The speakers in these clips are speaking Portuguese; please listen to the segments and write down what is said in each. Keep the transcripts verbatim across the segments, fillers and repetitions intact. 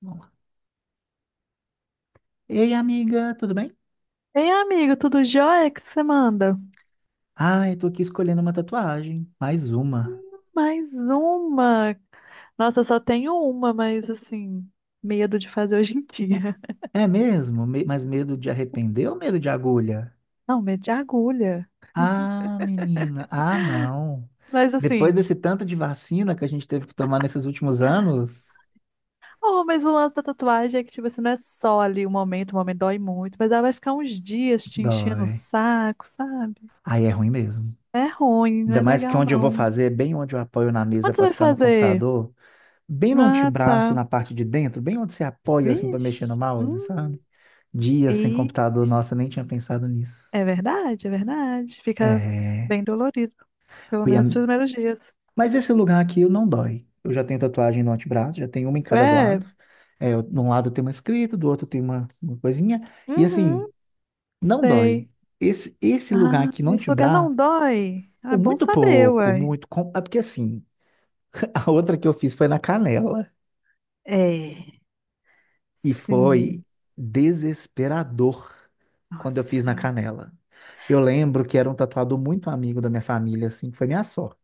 Vamos lá. Ei, amiga, tudo bem? Ei, amigo, tudo jóia? O que você manda? Ah, eu tô aqui escolhendo uma tatuagem. Mais uma. Mais uma. Nossa, eu só tenho uma, mas assim, medo de fazer hoje em dia. É mesmo? Me- Mas medo de arrepender ou medo de agulha? Não, medo de agulha. Ah, menina. Ah, não. Mas Depois assim, desse tanto de vacina que a gente teve que tomar nesses últimos anos, oh, mas o lance da tatuagem é que, tipo assim, não é só ali o momento, o momento dói muito, mas ela vai ficar uns dias te enchendo o dói. saco, sabe? Aí é ruim mesmo. É ruim, não Ainda é mais que legal, onde eu vou não. fazer, é bem onde eu apoio na mesa Onde você pra vai ficar no fazer? computador, bem no Ah, antebraço, tá. na parte de dentro, bem onde você apoia assim pra mexer no Vixe. mouse, Hum, sabe? Dias sem computador, nossa, nem tinha pensado nisso. É verdade, é verdade. Fica É. bem dolorido, pelo Foi a- menos nos primeiros dias. Mas esse lugar aqui eu não dói. Eu já tenho tatuagem no antebraço, já tenho uma em cada É, lado. É, eu- de um lado tem uma escrita, do outro tem uma, uma coisinha. E assim, Uhum. não Sei. dói. Esse, esse lugar Ah, aqui no esse lugar antebraço, não dói. Ah, é ou bom muito saber, pouco, uai. muito. Com... É porque assim, a outra que eu fiz foi na canela. É, E foi sim. desesperador quando eu fiz Nossa. na canela. Eu lembro que era um tatuador muito amigo da minha família, assim, que foi minha sorte.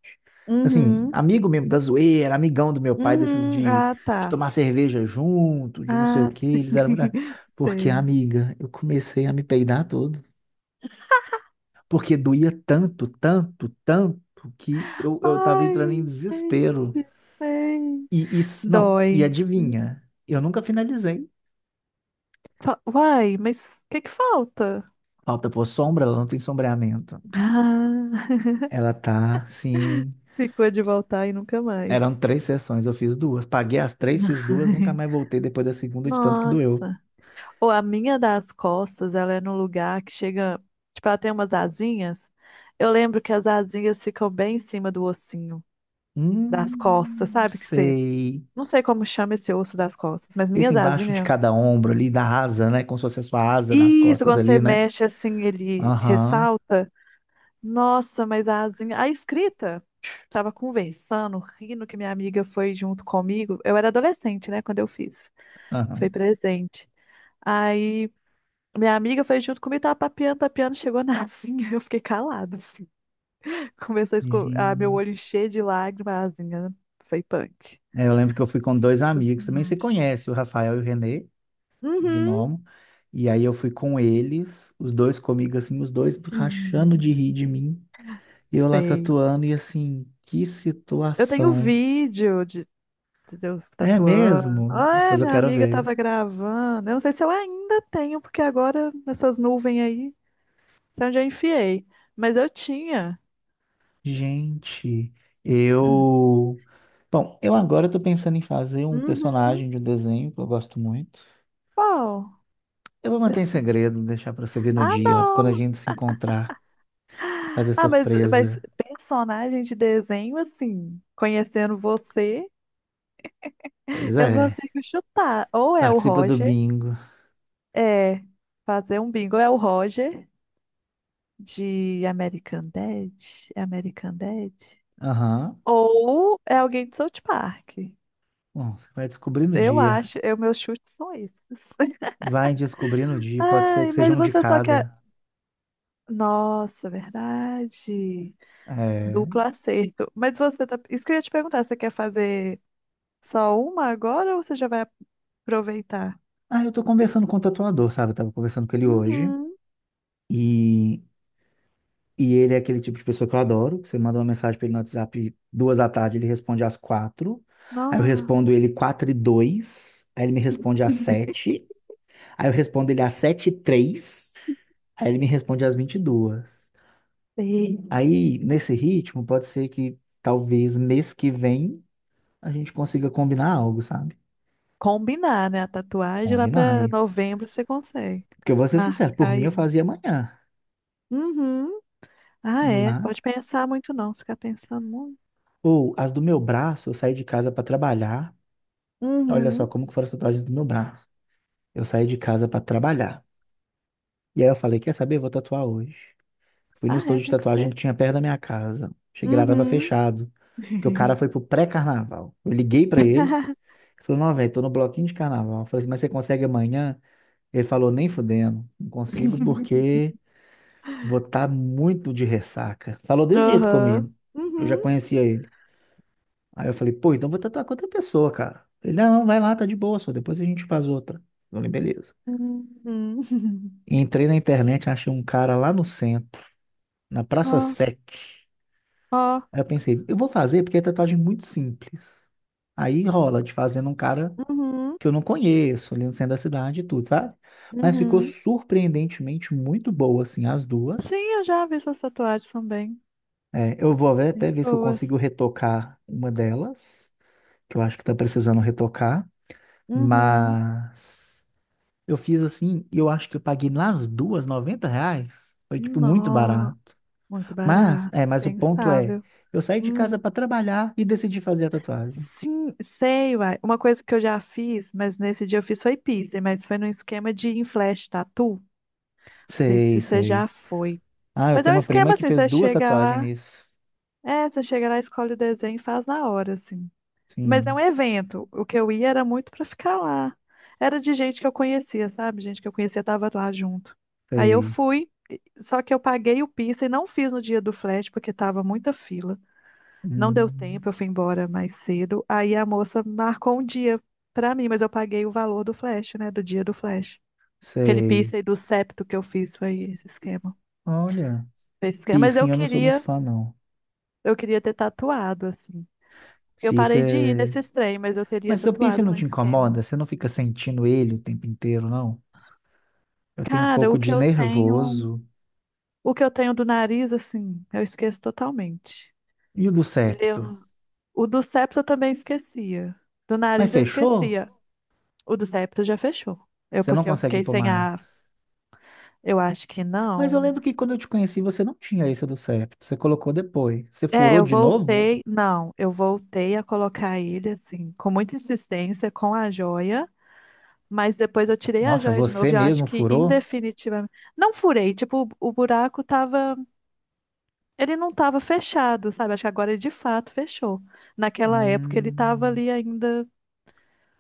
Assim, Uhum, amigo mesmo da zoeira, amigão do meu pai, desses uhum. de, Ah, de tá. tomar cerveja junto, de não sei o Ah, quê, sim. eles eram muito. Porque, Sei. amiga, eu comecei a me peidar todo. Porque doía tanto, tanto, tanto, que eu, eu tava entrando em Ai, gente, desespero. sei. E isso, não, e Dói. adivinha, eu nunca finalizei. Fa- Uai, mas o que que falta? Falta pôr sombra, ela não tem sombreamento. Ah, Ela tá, sim. ficou de voltar e nunca Eram mais. três sessões, eu fiz duas. Paguei as três, fiz duas, nunca mais voltei depois da segunda, de tanto que doeu. Nossa. Ou a minha das costas, ela é num lugar que chega. Tipo, ela tem umas asinhas. Eu lembro que as asinhas ficam bem em cima do ossinho das costas, Hum, sabe? Que você. sei. Não sei como chama esse osso das costas, mas Esse minhas embaixo de asinhas. cada ombro ali, da asa, né? Como se fosse a sua asa nas Isso, costas quando você ali, né? mexe assim, ele Aham, ressalta. Nossa, mas a asinha. A escrita. Tava conversando, rindo que minha amiga foi junto comigo. Eu era adolescente, né, quando eu fiz. Foi aham. presente. Aí. Minha amiga foi junto comigo, tava papeando, papeando, chegou na asinha, eu fiquei calada, assim. Começou a, esco... a meu Gente. olho encher de lágrimas, a asinha foi punk. É, eu lembro que eu fui com dois Nossa amigos, também você Senhora. conhece, o Rafael e o Renê, Uhum. Gnomo. E aí eu fui com eles, os dois comigo, assim, os dois rachando de Hum, rir de mim. E eu lá Sei. tatuando, e assim, que Eu tenho situação. vídeo de, de eu É tatuando. mesmo? Ah, Depois eu minha quero amiga ver. tava gravando. Eu não sei se eu ainda tenho, porque agora nessas nuvens aí, sei onde eu enfiei. Mas eu tinha. Gente, eu. Bom, eu agora tô pensando em fazer um Uhum. personagem de um desenho que eu gosto muito. Qual? Eu vou manter em Pessoa- segredo, deixar pra você ver no Ah, dia, quando a não! gente se encontrar, fazer Ah, mas, mas surpresa. personagem de desenho, assim, conhecendo você, Pois eu é, consigo chutar. Ou é o participa do Roger, bingo. é fazer um bingo, é o Roger de American Dad, American Dad. Aham. Ou é alguém de South Park. Bom, você vai descobrir no Eu dia. acho, eu, meus chutes são esses. Vai descobrir no dia, pode ser que Ai, seja mas um de você só quer. cada. Nossa, é verdade. Duplo É. acerto. Mas você tá. Isso que eu ia te perguntar, você quer fazer só uma agora ou você já vai aproveitar. Ah, eu tô conversando com o tatuador, sabe? Eu tava conversando com ele hoje. Uhum. E E ele é aquele tipo de pessoa que eu adoro, que você manda uma mensagem pra ele no WhatsApp duas da tarde, ele responde às quatro. Aí eu Nossa. respondo ele quatro e dois. Aí ele me responde às sete. Aí eu respondo ele às sete e três. Aí ele me responde às vinte e duas. E Aí, nesse ritmo, pode ser que talvez mês que vem a gente consiga combinar algo, sabe? combinar, né? A tatuagem lá Combinar pra isso. novembro você consegue. Porque eu vou ser Marcar sincero, por mim eu aí. fazia amanhã. Uhum. Ah, é. Pode Mas. pensar muito não. Se ficar pensando muito. Ou as do meu braço, eu saí de casa pra trabalhar. Olha só Uhum. como que foram as tatuagens do meu braço. Eu saí de casa pra trabalhar. E aí eu falei, quer saber? Vou tatuar hoje. Fui no Ah, é. estúdio de Tem que tatuagem ser. que tinha perto da minha casa. Cheguei lá, tava Uhum. fechado. Porque o cara foi pro pré-carnaval. Eu liguei pra ele. Ele falou, não, velho, tô no bloquinho de carnaval. Eu falei assim, mas você consegue amanhã? Ele falou, nem fudendo. Não consigo porque vou estar muito de ressaca. Falou desse jeito Aham. comigo. Eu já Uhum. conhecia ele. Aí eu falei, pô, então vou tatuar com outra pessoa, cara. Ele, não, não, vai lá, tá de boa, só depois a gente faz outra. Eu falei, beleza. Uhum. Entrei na internet, achei um cara lá no centro, na Praça Ó, Sete. ó. Aí eu pensei, eu vou fazer porque é tatuagem muito simples. Aí rola de fazer num cara Uhum. que eu não conheço, ali no centro da cidade e tudo, sabe? Mas ficou Uhum. surpreendentemente muito boa, assim, as Sim, duas. eu já vi essas tatuagens também. É, eu vou ver- até Gente ver se eu consigo boas. retocar uma delas, que eu acho que tá precisando retocar. Uhum. Mas eu fiz assim, e eu acho que eu paguei nas duas noventa reais. Foi, tipo, muito Nossa. barato. Muito Mas, barato, é, mas o ponto é, impensável. eu saí de Hum, casa para trabalhar e decidi fazer a tatuagem. sim, sei, uai. Uma coisa que eu já fiz, mas nesse dia eu fiz foi piercing, mas foi num esquema de em flash tattoo. Não sei Sei, se você já sei. foi. Ah, eu Mas é tenho um uma prima esquema que assim, fez você duas chega tatuagens lá, nisso. é, você chega lá, escolhe o desenho e faz na hora, assim. Mas é um Sim, evento. O que eu ia era muito pra ficar lá. Era de gente que eu conhecia, sabe? Gente que eu conhecia tava lá junto. Aí eu sei. fui, e- só que eu paguei o piercing, não fiz no dia do flash, porque tava muita fila. Não deu Hum, tempo, eu fui embora mais cedo. Aí a moça marcou um dia pra mim, mas eu paguei o valor do flash, né? Do dia do flash. Aquele sei. piercing do septo que eu fiz foi esse esquema. Olha, Foi esse esquema. Mas piercing eu eu não sou muito queria, fã, não. eu queria ter tatuado, assim. Porque eu Piercing parei de ir é. nesses trem, mas eu teria Mas seu piercing tatuado não no te esquema. incomoda? Você não fica sentindo ele o tempo inteiro, não? Eu tenho um Cara, o pouco que de eu tenho, nervoso. o que eu tenho do nariz, assim, eu esqueço totalmente. E o do Ele é septo? um- o do septo eu também esquecia. Do Mas nariz eu fechou? esquecia. O do septo já fechou. Eu, Você não porque eu consegue fiquei pôr sem mais? a. Eu acho que Mas eu não. lembro que quando eu te conheci, você não tinha isso do septo. Você colocou depois. Você É, furou eu de novo? voltei. Não, eu voltei a colocar ele assim, com muita insistência, com a joia, mas depois eu tirei a Nossa, joia de você novo e eu acho mesmo que furou? indefinitivamente. Não furei, tipo, o, o buraco tava. Ele não tava fechado, sabe? Acho que agora ele de fato fechou. Naquela época ele tava Hum, ali ainda.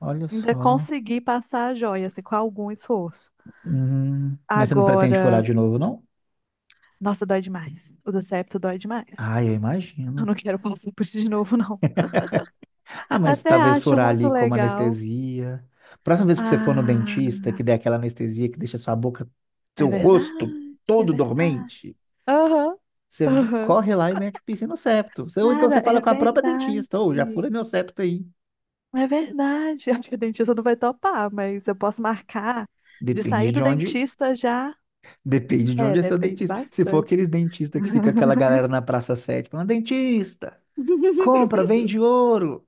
olha Ainda só. consegui passar a joia, assim, com algum esforço. Hum, mas você não pretende furar Agora. de novo, não? Nossa, dói demais. O do septo dói demais. Ah, eu Eu imagino. não quero passar por isso de novo, não. Ah, mas Até talvez acho furar muito ali como legal. anestesia. Próxima vez que você for no Ah, dentista, que der aquela anestesia que deixa sua boca, seu é rosto verdade, é todo verdade. dormente, Aham, você aham. corre lá e mete o piercing no septo. Você- Ou então Cara, você fala é com a própria verdade. dentista, ou já fura meu septo aí. É verdade. Acho que o dentista não vai topar, mas eu posso marcar de Depende sair do de onde. dentista já. Depende de É, onde é seu depende dentista. Se for bastante. aqueles dentistas que fica aquela galera na Praça Sete, falando, dentista, compra, vende ouro.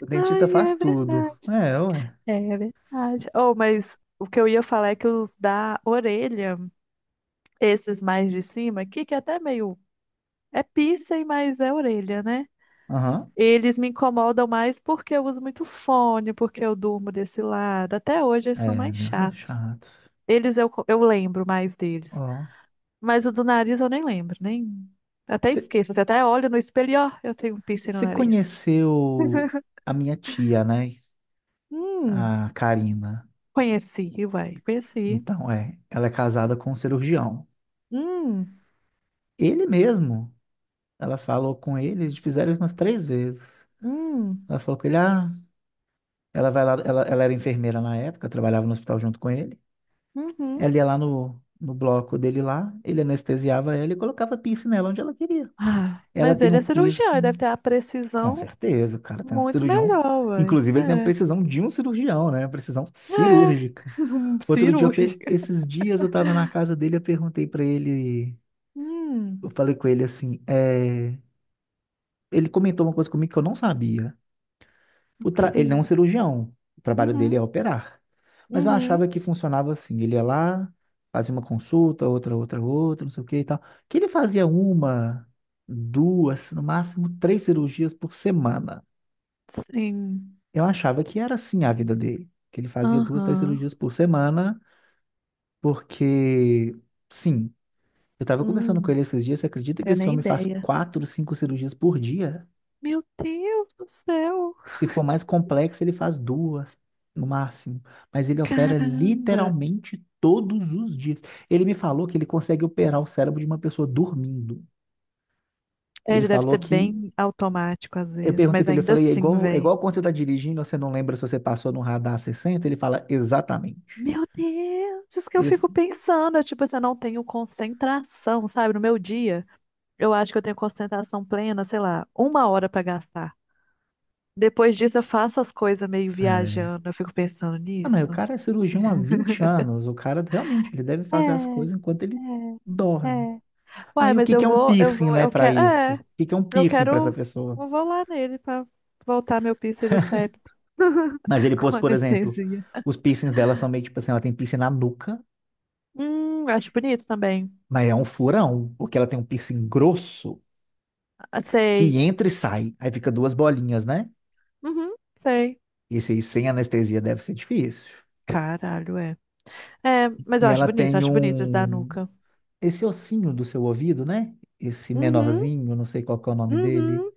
O dentista Ai, faz é tudo. verdade. É, ué. É, é verdade. Oh, mas o que eu ia falar é que os da orelha, esses mais de cima aqui, que é até meio. É piercing, mas é orelha, né? Aham. Eles me incomodam mais porque eu uso muito fone, porque eu durmo desse lado. Até hoje eles são É, mais deve ser chatos. chato. Eles eu, co- eu lembro mais deles. Ó. Mas o do nariz eu nem lembro, nem. Até esqueço. Você até olha no espelho e ó, eu tenho um piercing no Você nariz. conheceu a minha tia, né? Hum, A Karina. Conheci, vai, conheci. Então, é, ela é casada com um cirurgião. Hum, Ele mesmo, ela falou com ele, eles fizeram isso umas três vezes. hum, Ela falou com ele, ah, ela vai lá, ela, ela era enfermeira na época, trabalhava no hospital junto com ele. uhum. Ela ia lá no, no bloco dele lá, ele anestesiava ela e colocava piercing nela onde ela queria. Ah, Ela mas tem ele um é cirurgião, ele deve piercing, ter a com precisão certeza, o cara tem um muito cirurgião. melhor, vai. Inclusive, ele tem a É, precisão de um cirurgião, né? Precisão é, cirúrgica. Outro dia, eu pe- cirúrgica. esses dias eu tava na casa dele, eu perguntei pra ele, eu Hum, falei com ele assim, é, ele comentou uma coisa comigo que eu não sabia. O ok. tra- Ele não é um cirurgião, o trabalho dele Uhum, é operar. Mas eu uhum, achava que funcionava assim, ele ia lá, fazia uma consulta, outra, outra, outra, não sei o que e tal. Que ele fazia uma, duas, no máximo três cirurgias por semana. sim. Eu achava que era assim a vida dele, que ele fazia duas, três Aham. cirurgias por semana, porque, sim, eu estava conversando com Hum, ele esses dias, você acredita que Tenho esse nem homem faz ideia. quatro, cinco cirurgias por dia? Meu Deus do céu! Se for mais complexo, ele faz duas no máximo. Mas ele opera Caramba! literalmente todos os dias. Ele me falou que ele consegue operar o cérebro de uma pessoa dormindo. É, Ele ele deve falou ser que. bem automático às Eu vezes, perguntei mas pra ele, eu ainda falei, é assim, igual, é velho. igual quando você tá dirigindo, você não lembra se você passou no radar sessenta? Ele fala, exatamente. Meu Deus! Isso que eu Ele. fico pensando. é Tipo, assim, eu não tenho concentração, sabe? No meu dia, eu acho que eu tenho concentração plena, sei lá, uma hora pra gastar. Depois disso, eu faço as coisas meio É. viajando. Eu fico pensando Ah, mas o nisso. cara é cirurgião há vinte anos. O cara realmente, ele deve É, fazer as coisas enquanto ele é, dorme. é. Uai, Aí o mas que eu que é um vou, eu piercing, vou, né, eu pra quero, isso? é, O que que é um eu piercing pra essa quero, pessoa? eu vou lá nele pra voltar meu do septo Mas ele pôs, com por exemplo, anestesia. os piercings dela são meio tipo assim, ela tem piercing na nuca, Hum, eu acho bonito também. mas é um furão, porque ela tem um piercing grosso Ah, Sei. que entra e sai, aí fica duas bolinhas, né? Uhum, sei. Esse aí sem anestesia deve ser difícil. Caralho, é. É, mas E eu acho ela bonito, tem acho bonito esse da um nuca. esse ossinho do seu ouvido, né? Esse Uhum, menorzinho, não sei qual que é o nome dele, uhum,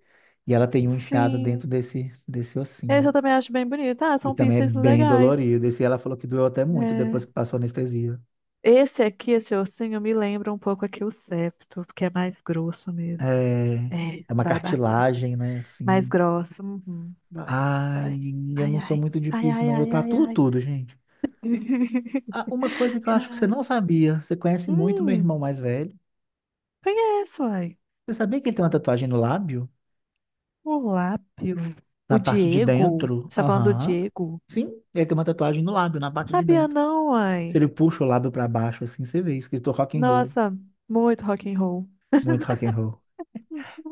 e ela tem um enfiado sim. dentro desse desse Esse ossinho. eu também acho bem bonito. Ah, E são também é pieces bem legais. dolorido. Esse ela falou que doeu até muito depois É. que passou a anestesia. Esse aqui, esse ossinho, me lembra um pouco aqui o septo, porque é mais grosso mesmo. É, É, é uma dói bastante. cartilagem, né, Mais assim. grossa. Uhum. Dói, Ai, dói. eu Ai, não sou ai. muito de Ai, piercing, ai, não. Eu ai, ai, tatuo ai. tudo, gente. Ah, uma coisa que eu acho que você Ai. não sabia, você conhece muito meu irmão Hum, mais velho. Conheço, ai. Você sabia que ele tem uma tatuagem no lábio? O Lápio. O Na parte de Diego. dentro? Você tá falando do Aham. Diego? Sim, ele tem uma tatuagem no lábio, na parte de Sabia dentro. não, Se ai. ele puxa o lábio pra baixo, assim, você vê, escrito rock and roll. Nossa, muito rock and roll. Muito rock and roll.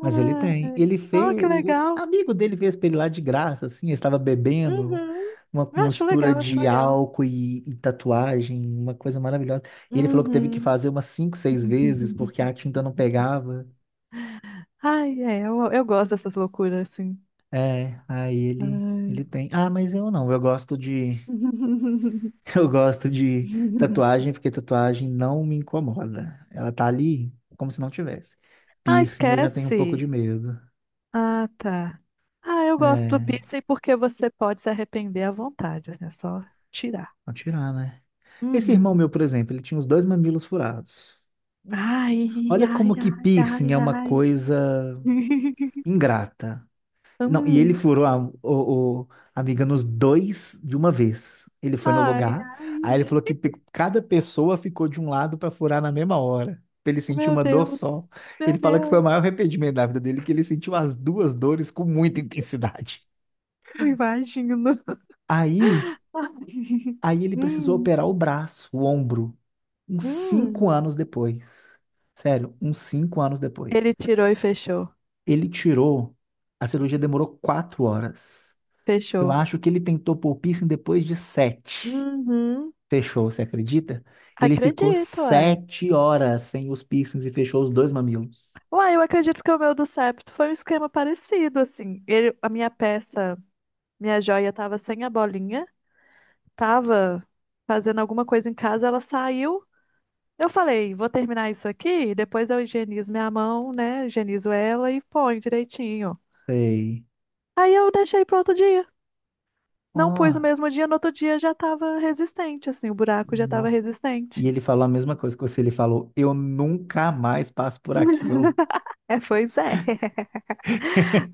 Mas ele tem. Ele Ah, fez. que O o legal. amigo dele fez pra ele lá de graça, assim. Ele estava bebendo Uhum. uma Acho mistura legal, acho de legal. álcool e, e tatuagem, uma coisa maravilhosa. E ele falou que teve que Uhum. fazer umas cinco, seis vezes porque a tinta não pegava. Ai, é, eu, eu gosto dessas loucuras, assim. É, aí ele. Ele Ai. tem. Ah, mas eu não. Eu gosto de. Eu gosto de tatuagem porque tatuagem não me incomoda. Ela tá ali como se não tivesse. Ah, Piercing eu já tenho um pouco de esquece. medo. Ah, tá. Ah, eu gosto do É, pizza e porque você pode se arrepender à vontade, né? Só tirar. vou tirar, né? Esse irmão Uhum. meu, por exemplo, ele tinha os dois mamilos furados. Ai, Olha ai, como que piercing ai, ai, é uma ai. coisa ingrata. Não, e ele Hum. furou a, o, o- a amiga nos dois de uma vez. Ele foi no Ai, lugar, aí ele falou ai. que pe- cada pessoa ficou de um lado para furar na mesma hora, pra ele sentir Meu uma dor só. Deus. Meu Ele fala que foi o Deus. maior arrependimento da vida dele, que ele sentiu as duas dores com muita intensidade. Eu imagino. Aí, Ai. aí ele precisou Hum. operar o braço, o ombro, uns Hum. cinco anos depois. Sério, uns cinco anos depois. Ele tirou e fechou. Ele tirou. A cirurgia demorou quatro horas. Eu Fechou. acho que ele tentou pôr o piercing depois de sete. Uhum. Fechou, você acredita? Ele ficou Acredito, ai. sete horas sem os piercings e fechou os dois mamilos. Uai, eu acredito que o meu do septo foi um esquema parecido, assim. Ele, a minha peça, minha joia, tava sem a bolinha, tava fazendo alguma coisa em casa, ela saiu. Eu falei, vou terminar isso aqui, depois eu higienizo minha mão, né? Higienizo ela e põe direitinho. Sei. Aí eu deixei pro outro dia. Ó, Não pus no mesmo dia, no outro dia já tava resistente, assim, o buraco já tava nó. resistente. E ele falou a mesma coisa que você. Ele falou: eu nunca mais passo por aquilo. É, pois é.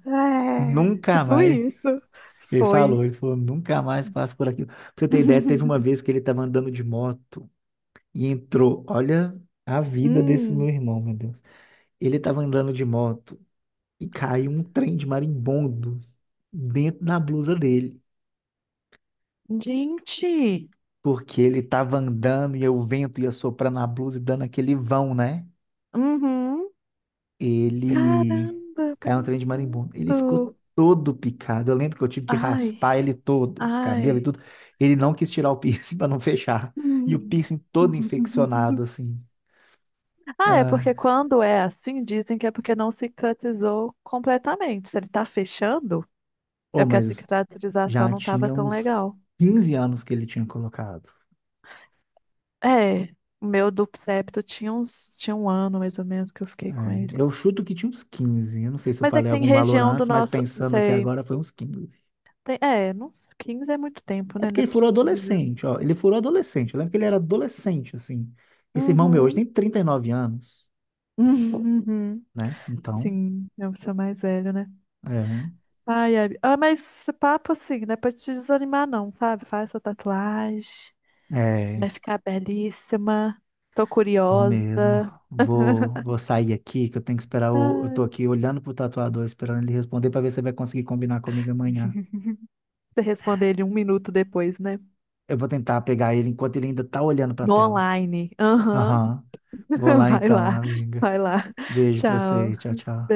É, Nunca tipo mais. isso. Ele falou, Foi. ele falou, nunca mais passo por aquilo. Pra você ter ideia, teve uma vez que ele estava andando de moto e entrou. Olha a vida desse meu Hum. irmão, meu Deus. Ele estava andando de moto e caiu um trem de marimbondo dentro da blusa dele. Gente, Porque ele estava andando e o vento ia soprando na blusa e dando aquele vão, né? uhum. Ele Caramba, caiu no trem de marimbondo. Ele ficou brincando. todo picado. Eu lembro que eu tive que Ai, raspar ele todo, os cabelos e ai. tudo. Ele não quis tirar o piercing para não fechar. E o Hum. piercing todo infeccionado, assim. Ah, é Ah, porque quando é assim, dizem que é porque não cicatrizou completamente. Se ele tá fechando, é oh, porque a mas cicatrização já não tava tinha tão uns legal. quinze anos que ele tinha colocado. É, o meu duplo septo tinha uns, tinha um ano mais ou menos que eu fiquei com É, ele. eu chuto que tinha uns quinze. Eu não sei se eu Mas é que falei tem algum valor região do antes, mas nosso, pensando aqui sei, agora foi uns quinze. tem, é, não, quinze é muito tempo, É né? porque Não é ele furou possível. adolescente, ó. Ele furou adolescente. Eu lembro que ele era adolescente, assim. Esse irmão meu hoje Uhum. tem trinta e nove anos, Uhum. né? Então, Sim, é o seu mais velho, né? Ai, ai. Ah, mas esse papo assim, não é pra te desanimar, não, sabe? Faz sua tatuagem, é, é, vai ficar belíssima. Tô vou mesmo. curiosa. Vou, vou sair aqui, que eu tenho que esperar. O, eu tô Ai. aqui olhando pro tatuador, esperando ele responder pra ver se ele vai conseguir combinar comigo amanhã. Você responde ele um minuto depois, né? Eu vou tentar pegar ele enquanto ele ainda tá olhando pra No tela. online. Aham. Aham. Vou lá Vai então, lá, amiga. vai lá. Beijo pra você. Tchau. Tchau, tchau.